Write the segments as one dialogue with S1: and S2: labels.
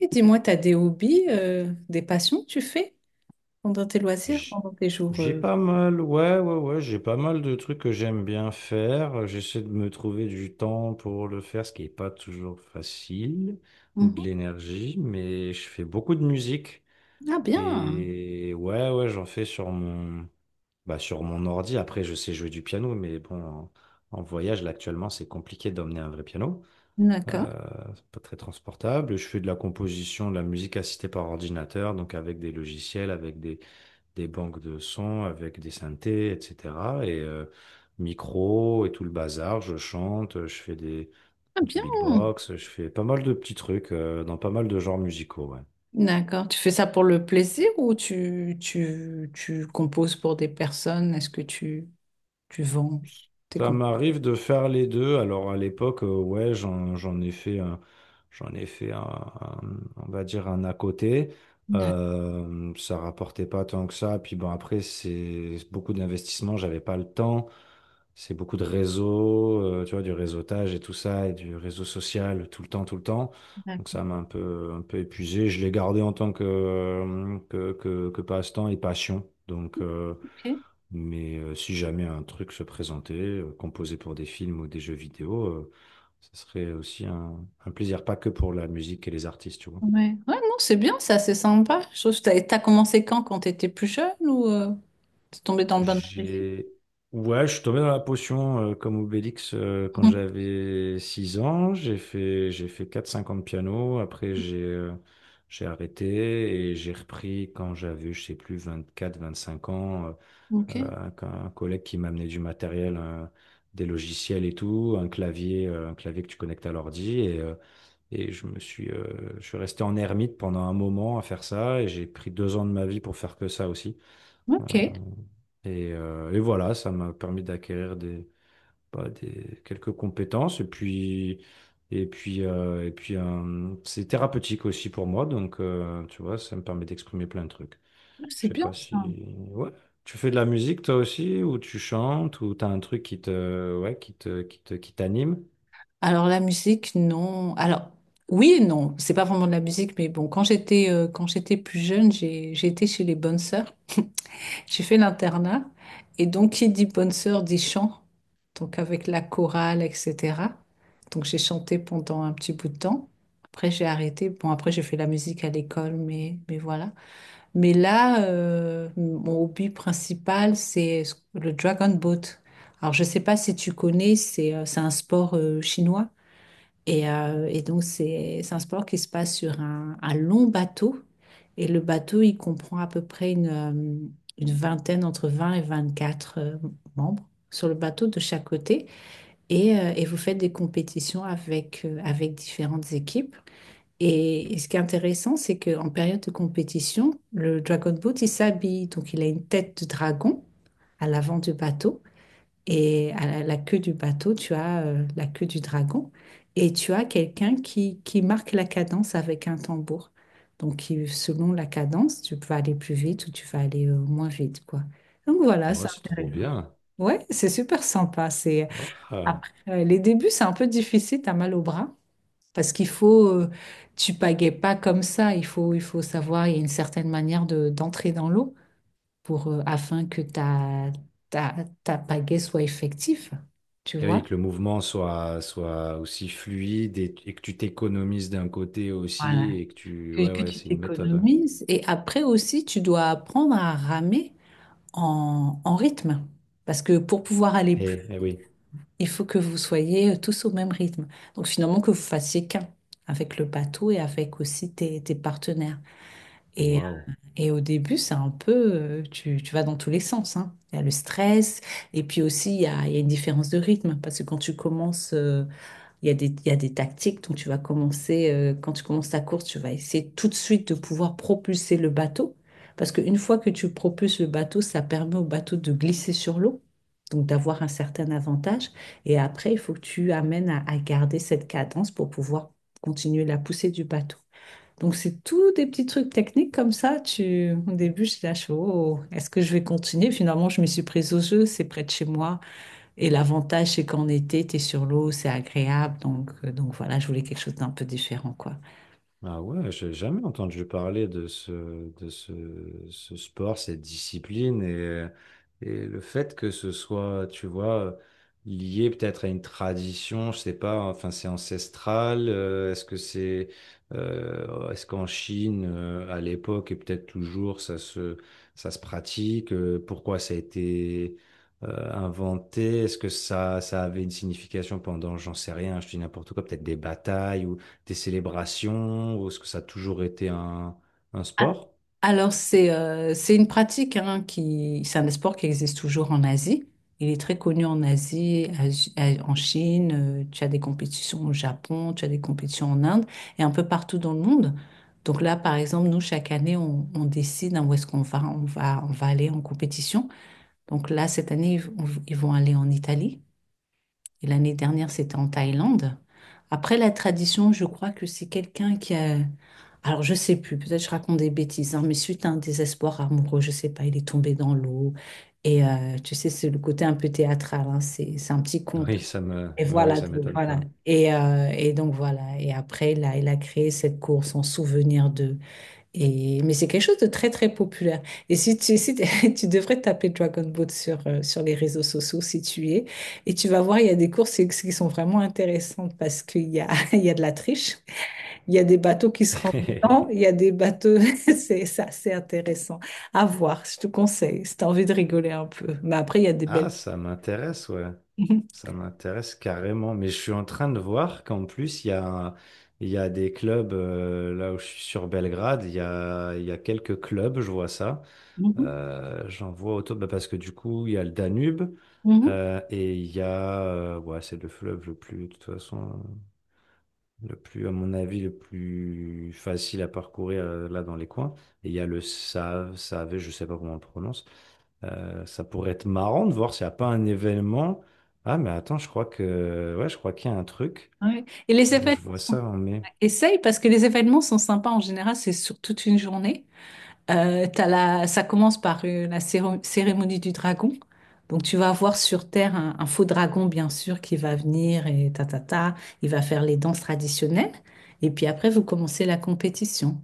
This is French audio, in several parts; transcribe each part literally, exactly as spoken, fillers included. S1: Et dis-moi, tu as des hobbies, euh, des passions que tu fais pendant tes loisirs,
S2: J-
S1: pendant tes jours
S2: J'ai
S1: euh,
S2: pas mal, ouais, ouais, ouais, j'ai pas mal de trucs que j'aime bien faire. J'essaie de me trouver du temps pour le faire, ce qui n'est pas toujours facile, ou de
S1: Mhm.
S2: l'énergie, mais je fais beaucoup de musique.
S1: Ah bien,
S2: Et ouais, ouais, j'en fais sur mon, bah, sur mon ordi. Après, je sais jouer du piano, mais bon, en, en voyage, là, actuellement, c'est compliqué d'emmener un vrai piano.
S1: d'accord.
S2: Euh, c'est pas très transportable. Je fais de la composition, de la musique assistée par ordinateur, donc avec des logiciels, avec des des banques de sons avec des synthés, et cetera. Et euh, Micro et tout le bazar, je chante, je fais des,
S1: Ah
S2: du
S1: bien,
S2: beatbox, je fais pas mal de petits trucs euh, dans pas mal de genres musicaux. Ouais.
S1: d'accord. Tu fais ça pour le plaisir ou tu, tu, tu composes pour des personnes? Est-ce que tu, tu vends tes
S2: Ça
S1: compositions?
S2: m'arrive de faire les deux. Alors à l'époque, euh, ouais, j'en, j'en ai fait un, j'en ai fait un, un- on va dire un à côté.
S1: D'accord,
S2: Euh, ça rapportait pas tant que ça. Puis bon, après, c'est beaucoup d'investissements, j'avais pas le temps. C'est beaucoup de réseau, euh, tu vois, du réseautage et tout ça, et du réseau social tout le temps, tout le temps. Donc
S1: d'accord.
S2: ça m'a un peu, un peu épuisé. Je l'ai gardé en tant que, euh, que, que, que passe-temps et passion. Donc, euh,
S1: Ok.
S2: mais euh, si jamais un truc se présentait, euh, composé pour des films ou des jeux vidéo, euh, ce serait aussi un, un plaisir, pas que pour la musique et les artistes, tu vois.
S1: Ouais. Ouais, non, c'est bien ça, c'est sympa. Je trouve que t'as, t'as commencé quand, quand tu étais plus jeune ou euh, t'es tombé dans le bain de la musique?
S2: J'ai... Ouais, je suis tombé dans la potion euh, comme Obélix euh, quand
S1: Mhm.
S2: j'avais six ans. J'ai fait, j'ai fait quatre, cinq ans de piano. Après, j'ai euh, j'ai arrêté et j'ai repris quand j'avais, je sais plus, vingt-quatre, vingt-cinq ans. euh,
S1: Ok,
S2: euh, un, un collègue qui m'a amené du matériel, un- des logiciels et tout, un clavier, euh, un clavier que tu connectes à l'ordi. Et, euh, et je me suis, euh, je suis resté en ermite pendant un moment à faire ça. Et j'ai pris deux ans de ma vie pour faire que ça aussi. Euh,
S1: ok.
S2: Et, euh, et voilà, ça m'a permis d'acquérir des, bah, des, quelques compétences. Et puis, et puis, euh, et puis euh, c'est thérapeutique aussi pour moi. Donc, euh, tu vois, ça me permet d'exprimer plein de trucs.
S1: Ah,
S2: Je
S1: c'est
S2: sais
S1: bien
S2: pas
S1: ça.
S2: si... Ouais. Tu fais de la musique toi aussi, ou tu chantes, ou t'as un truc qui te... Ouais, qui te... qui te... qui t'anime?
S1: Alors la musique, non. Alors oui et non, c'est pas vraiment de la musique, mais bon, quand j'étais euh, quand j'étais plus jeune, j'ai j'ai été chez les bonnes sœurs. J'ai fait l'internat et donc qui dit bonne sœur dit chant, donc avec la chorale, et cetera. Donc j'ai chanté pendant un petit bout de temps. Après j'ai arrêté. Bon après j'ai fait la musique à l'école, mais mais voilà. Mais là, euh, mon hobby principal c'est le dragon boat. Alors je sais pas si tu connais, c'est euh, c'est un sport euh, chinois. Et, euh, et donc, c'est c'est un sport qui se passe sur un, un long bateau. Et le bateau, il comprend à peu près une, euh, une vingtaine, entre vingt et vingt-quatre euh, membres sur le bateau de chaque côté. Et, euh, et vous faites des compétitions avec, euh, avec différentes équipes. Et, et ce qui est intéressant, c'est qu'en période de compétition, le Dragon Boat, il s'habille. Donc, il a une tête de dragon à l'avant du bateau. Et à la, la queue du bateau, tu as euh, la queue du dragon et tu as quelqu'un qui, qui marque la cadence avec un tambour. Donc, qui- selon la cadence, tu peux aller plus vite ou tu vas aller euh, moins vite, quoi. Donc, voilà, c'est
S2: Ouais, c'est trop
S1: intéressant.
S2: bien.
S1: Ouais, c'est super sympa. C'est
S2: Voilà.
S1: après euh, les débuts, c'est un peu difficile, t'as mal au bras parce qu'il faut euh, tu pagaies pas comme ça, il faut il faut savoir, il y a une certaine manière de d'entrer dans l'eau pour, euh, afin que ta, ta, ta pagaie soit effective, tu
S2: Et oui,
S1: vois?
S2: que le mouvement soit, soit aussi fluide et, et que tu t'économises d'un côté
S1: Voilà,
S2: aussi et que tu...
S1: que,
S2: Ouais,
S1: que
S2: ouais,
S1: tu
S2: c'est une méthode. Ouais.
S1: t'économises. Et après aussi, tu dois apprendre à ramer en, en rythme. Parce que pour pouvoir aller
S2: Eh,
S1: plus,
S2: eh oui.
S1: il faut que vous soyez euh, tous au même rythme. Donc finalement, que vous fassiez qu'un avec le bateau et avec aussi tes, tes partenaires. Et,
S2: Waouh.
S1: et au début, c'est un peu, euh, tu, tu vas dans tous les sens, hein. Il y a le stress, et puis aussi, il y a, il y a une différence de rythme. Parce que quand tu commences, euh, il y a des, il y a des tactiques donc tu vas commencer, euh, quand tu commences ta course, tu vas essayer tout de suite de pouvoir propulser le bateau. Parce qu'une fois que tu propulses le bateau, ça permet au bateau de glisser sur l'eau, donc d'avoir un certain avantage. Et après, il faut que tu amènes à, à garder cette cadence pour pouvoir continuer la poussée du bateau. Donc, c'est tout des petits trucs techniques comme ça. Tu... Au début, je lâche, oh, est-ce que je vais continuer? Finalement, je me suis prise au jeu, c'est près de chez moi. Et l'avantage, c'est qu'en été, tu es sur l'eau, c'est agréable. Donc, euh, donc voilà, je voulais quelque chose d'un peu différent, quoi.
S2: Ah ouais, j'ai jamais entendu parler de ce, de ce, ce sport, cette discipline et, et le fait que ce soit, tu vois, lié peut-être à une tradition, je sais pas, enfin c'est ancestral, euh, est-ce que c'est, euh, est-ce qu'en Chine, euh, à l'époque et peut-être toujours, ça se, ça se pratique, euh, pourquoi ça a été, euh, inventé, est-ce que ça, ça avait une signification pendant, j'en sais rien, je dis n'importe quoi, peut-être des batailles tes célébrations ou est-ce que ça a toujours été un, un
S1: Ah,
S2: sport?
S1: alors, c'est euh, c'est une pratique hein, qui... C'est un sport qui existe toujours en Asie. Il est très connu en Asie, Asi- à- en Chine. euh, tu as des compétitions au Japon, tu as des compétitions en Inde et un peu partout dans le monde. Donc là, par exemple, nous, chaque année, on, on décide hein, où est-ce qu'on va. On va, on va aller en compétition. Donc là, cette année, ils, vont ils vont aller en Italie. Et l'année dernière, c'était en Thaïlande. Après, la tradition, je crois que c'est quelqu'un qui a... Alors, je sais plus, peut-être je raconte des bêtises, hein, mais suite à un désespoir amoureux, je sais pas, il est tombé dans l'eau. Et euh, tu sais, c'est le côté un peu théâtral, hein, c'est, c'est un petit conte.
S2: Oui, ça me,
S1: Et
S2: ouais,
S1: voilà,
S2: ça
S1: donc
S2: m'étonne
S1: voilà.
S2: pas.
S1: Et, euh, et donc voilà. Et après, là, il a créé cette course en souvenir de et, mais c'est quelque chose de très très populaire. Et si tu, si t'es- Tu devrais taper Dragon Boat sur, euh, sur les réseaux sociaux si tu y es, et tu vas voir, il y a des courses qui qui sont vraiment intéressantes parce qu'il y a, il y a de la triche, il y a des bateaux qui se rendent dedans, il y a des bateaux, c'est c'est assez intéressant à voir, je te conseille, si tu as envie de rigoler un peu. Mais après, il y a des belles...
S2: Ah, ça m'intéresse, ouais. Ça m'intéresse carrément. Mais je suis en train de voir qu'en plus, il y a, il y a des clubs, euh, là où je suis sur Belgrade, il y a, il y a quelques clubs, je vois ça.
S1: Mhm,
S2: Euh, j'en vois autour, bah, parce que du coup, il y a le Danube,
S1: mhm, mhm,
S2: euh, et il y a, euh, ouais, c'est le fleuve le plus, de toute façon. Le plus, à mon avis, le plus facile à parcourir euh, là dans les coins. Et il y a le Save, Save, je sais pas comment on le prononce. Euh, ça pourrait être marrant de voir s'il n'y a pas un événement. Ah, mais attends, je crois que, ouais, je crois qu'il y a un truc.
S1: ouais. Et les
S2: Ouais,
S1: événements,
S2: je vois ça en mai.
S1: essaye parce que les événements sont sympas en général, c'est sur toute une journée. Euh, t'as la, ça commence par euh, la céro- cérémonie du dragon. Donc tu vas avoir sur Terre un, un faux dragon, bien sûr, qui va venir et ta ta ta, il va faire les danses traditionnelles. Et puis après, vous commencez la compétition.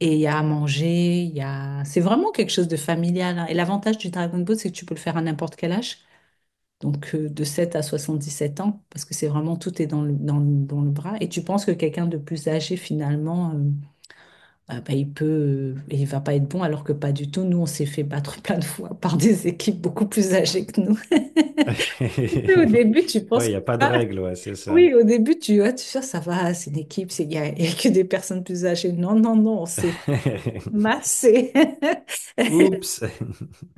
S1: Et il y a à manger, il y a... C'est vraiment quelque chose de familial, hein. Et l'avantage du Dragon Ball, c'est que tu peux le faire à n'importe quel âge. Donc euh, de sept à soixante-dix-sept ans, parce que c'est vraiment tout est dans le, dans, le dans le bras. Et tu penses que quelqu'un de plus âgé, finalement... euh, ah bah, il peut, euh, il va pas être bon alors que pas du tout. Nous, on s'est fait battre plein de fois par des équipes beaucoup plus âgées que nous. Au début, tu penses
S2: Ouais, il
S1: que
S2: n'y a pas de
S1: ah,
S2: règle, ouais, c'est
S1: oui,
S2: ça.
S1: au début, tu vois, tu fais, ça va, c'est une équipe, c'est il y a, il y a que des personnes plus âgées. Non, non, non, on s'est massé.
S2: Oups.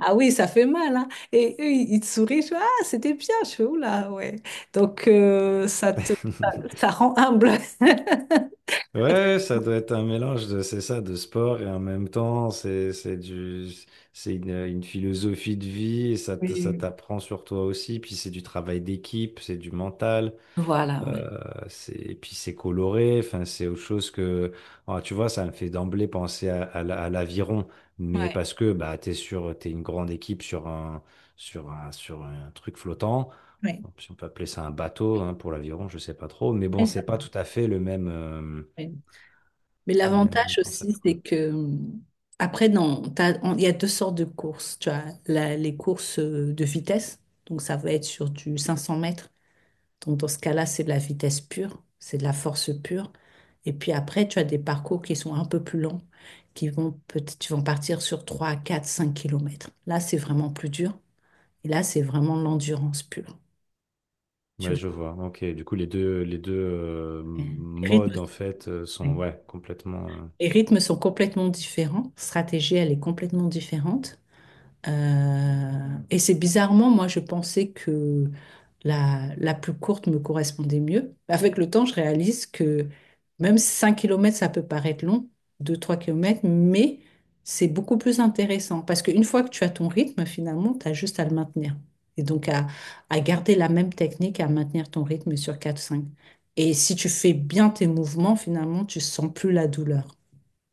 S1: Ah oui, ça fait mal, hein. Et eux, ils ils te sourient, je fais, ah, c'était bien, je fais, oula, ouais. Donc, euh, ça te, ça rend humble.
S2: Ouais, ça doit être un mélange de, c'est ça, de sport et en même temps, c'est, c'est du, c'est une, une philosophie de vie et ça, t- ça
S1: Oui.
S2: t'apprend sur toi aussi. Puis c'est du travail d'équipe, c'est du mental,
S1: Voilà, ouais.
S2: euh, c'est, et puis c'est coloré. Enfin, c'est autre chose que, ah, tu vois, ça me fait d'emblée penser à, à la- à l'aviron, mais
S1: Ouais,
S2: parce que bah t'es sur, t'es une grande équipe sur un, sur un, sur un truc flottant.
S1: ouais.
S2: Bon, si on peut appeler ça un bateau hein, pour l'aviron, je sais pas trop, mais bon,
S1: Et ça,
S2: c'est pas tout à fait le même. Euh,
S1: ouais. Mais
S2: même
S1: l'avantage
S2: concept,
S1: aussi,
S2: quoi.
S1: c'est que hum, après, non, t'as- on- il y a deux sortes de courses. Tu as la- les courses euh, de vitesse, donc ça va être sur du cinq cents mètres. Donc dans ce cas-là, c'est de la vitesse pure, c'est de la force pure. Et puis après, tu as des parcours qui sont un peu plus longs, qui vont peut-être, qui vont partir sur trois, quatre, cinq kilomètres. Là, c'est vraiment plus dur. Et là, c'est vraiment l'endurance pure. Tu
S2: Ouais,
S1: vois.
S2: je vois. Ok, du coup, les deux, les deux euh,
S1: Les
S2: modes,
S1: rythmes,
S2: en fait, euh, sont
S1: les
S2: ouais, complètement. euh,
S1: rythmes sont complètement différents. Stratégie, elle est complètement différente. Euh, et c'est bizarrement, moi, je pensais que la, la plus courte me correspondait mieux. Avec le temps, je réalise que même cinq kilomètres ça peut paraître long, deux trois kilomètres, mais c'est beaucoup plus intéressant parce qu'une fois que tu as ton rythme, finalement, tu as juste à le maintenir. Et donc à, à garder la même technique, à maintenir ton rythme sur quatre cinq. Et si tu fais bien tes mouvements, finalement, tu sens plus la douleur,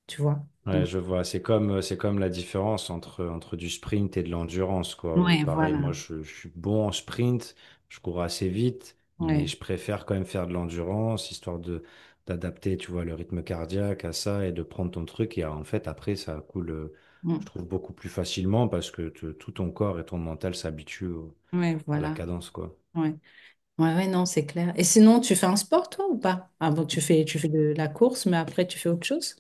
S1: tu vois.
S2: Ouais,
S1: Donc,
S2: je vois. C'est comme, euh, c'est comme la différence entre, entre du sprint et de l'endurance, quoi. Ou
S1: ouais,
S2: pareil,
S1: voilà.
S2: moi, je, je suis bon en sprint, je cours assez vite, mais
S1: Ouais,
S2: je préfère quand même faire de l'endurance, histoire de d'adapter, tu vois, le rythme cardiaque à ça et de prendre ton truc. Et euh, en fait, après, ça coule, euh, je
S1: mm,
S2: trouve, beaucoup plus facilement parce que te- tout ton corps et ton mental s'habituent au-
S1: ouais,
S2: à la
S1: voilà.
S2: cadence, quoi.
S1: Ouais. Ouais, ouais, non, c'est clair. Et sinon, tu fais un sport, toi, ou pas? Ah bon, tu fais, tu fais de la course, mais après, tu fais autre chose?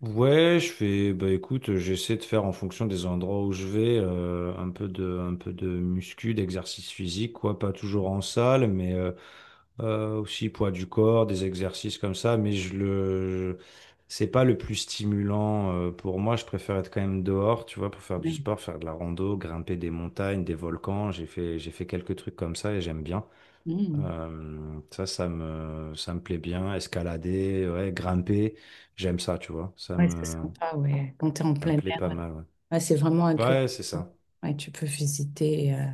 S2: Ouais, je fais, bah écoute, j'essaie de faire en fonction des endroits où je vais, euh, un peu de, un peu de muscu, d'exercice physique, quoi, pas toujours en salle, mais euh, euh, aussi poids du corps, des exercices comme ça, mais je le, c'est pas le plus stimulant euh, pour moi, je préfère être quand même dehors, tu vois, pour faire du
S1: Ouais.
S2: sport, faire de la rando, grimper des montagnes, des volcans, j'ai fait, j'ai fait quelques trucs comme ça et j'aime bien.
S1: Mm.
S2: Euh, ça, ça me, ça me plaît bien, escalader, ouais, grimper, j'aime ça, tu vois, ça
S1: Ouais, c'est
S2: me
S1: sympa, ouais. Quand tu es en
S2: ça me
S1: plein
S2: plaît
S1: air,
S2: pas
S1: ouais.
S2: mal, ouais.
S1: Ouais, c'est vraiment agréable.
S2: Ouais, c'est ça.
S1: Ouais, tu peux visiter. euh.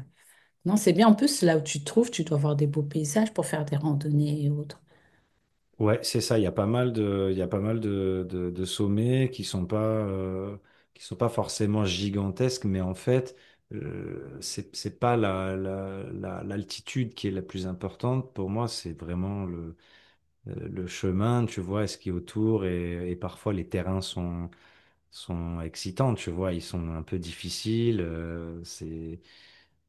S1: Non, c'est bien. En plus, là où tu te trouves, tu dois avoir des beaux paysages pour faire des randonnées et autres.
S2: Ouais, c'est ça. Il y a pas mal de, il y a pas mal de, de, de sommets qui sont pas, euh, qui sont pas forcément gigantesques, mais en fait, euh, c'est, c'est pas la, la, la- l'altitude qui est la plus importante. Pour moi, c'est vraiment le, euh, le chemin, tu vois, ce qui est autour et, et parfois les terrains sont, sont excitants, tu vois, ils sont un peu difficiles. euh, c'est,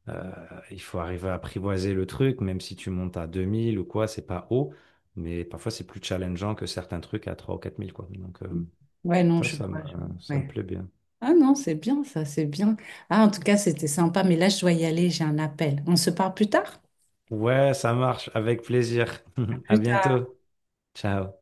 S2: Euh, il faut arriver à apprivoiser le truc, même si tu montes à deux mille ou quoi, c'est pas haut, mais parfois c'est plus challengeant que certains trucs à trois ou quatre mille, quoi. Donc, euh,
S1: Mm. Ouais, non,
S2: ça,
S1: je
S2: ça me,
S1: vois. je-
S2: euh, ça me
S1: Ouais.
S2: plaît bien.
S1: Ah non, c'est bien, ça, c'est bien. Ah, en tout cas, c'était sympa, mais là, je dois y aller, j'ai un appel. On se parle plus tard?
S2: Ouais, ça marche, avec plaisir.
S1: À
S2: À
S1: plus tard.
S2: bientôt. Ciao.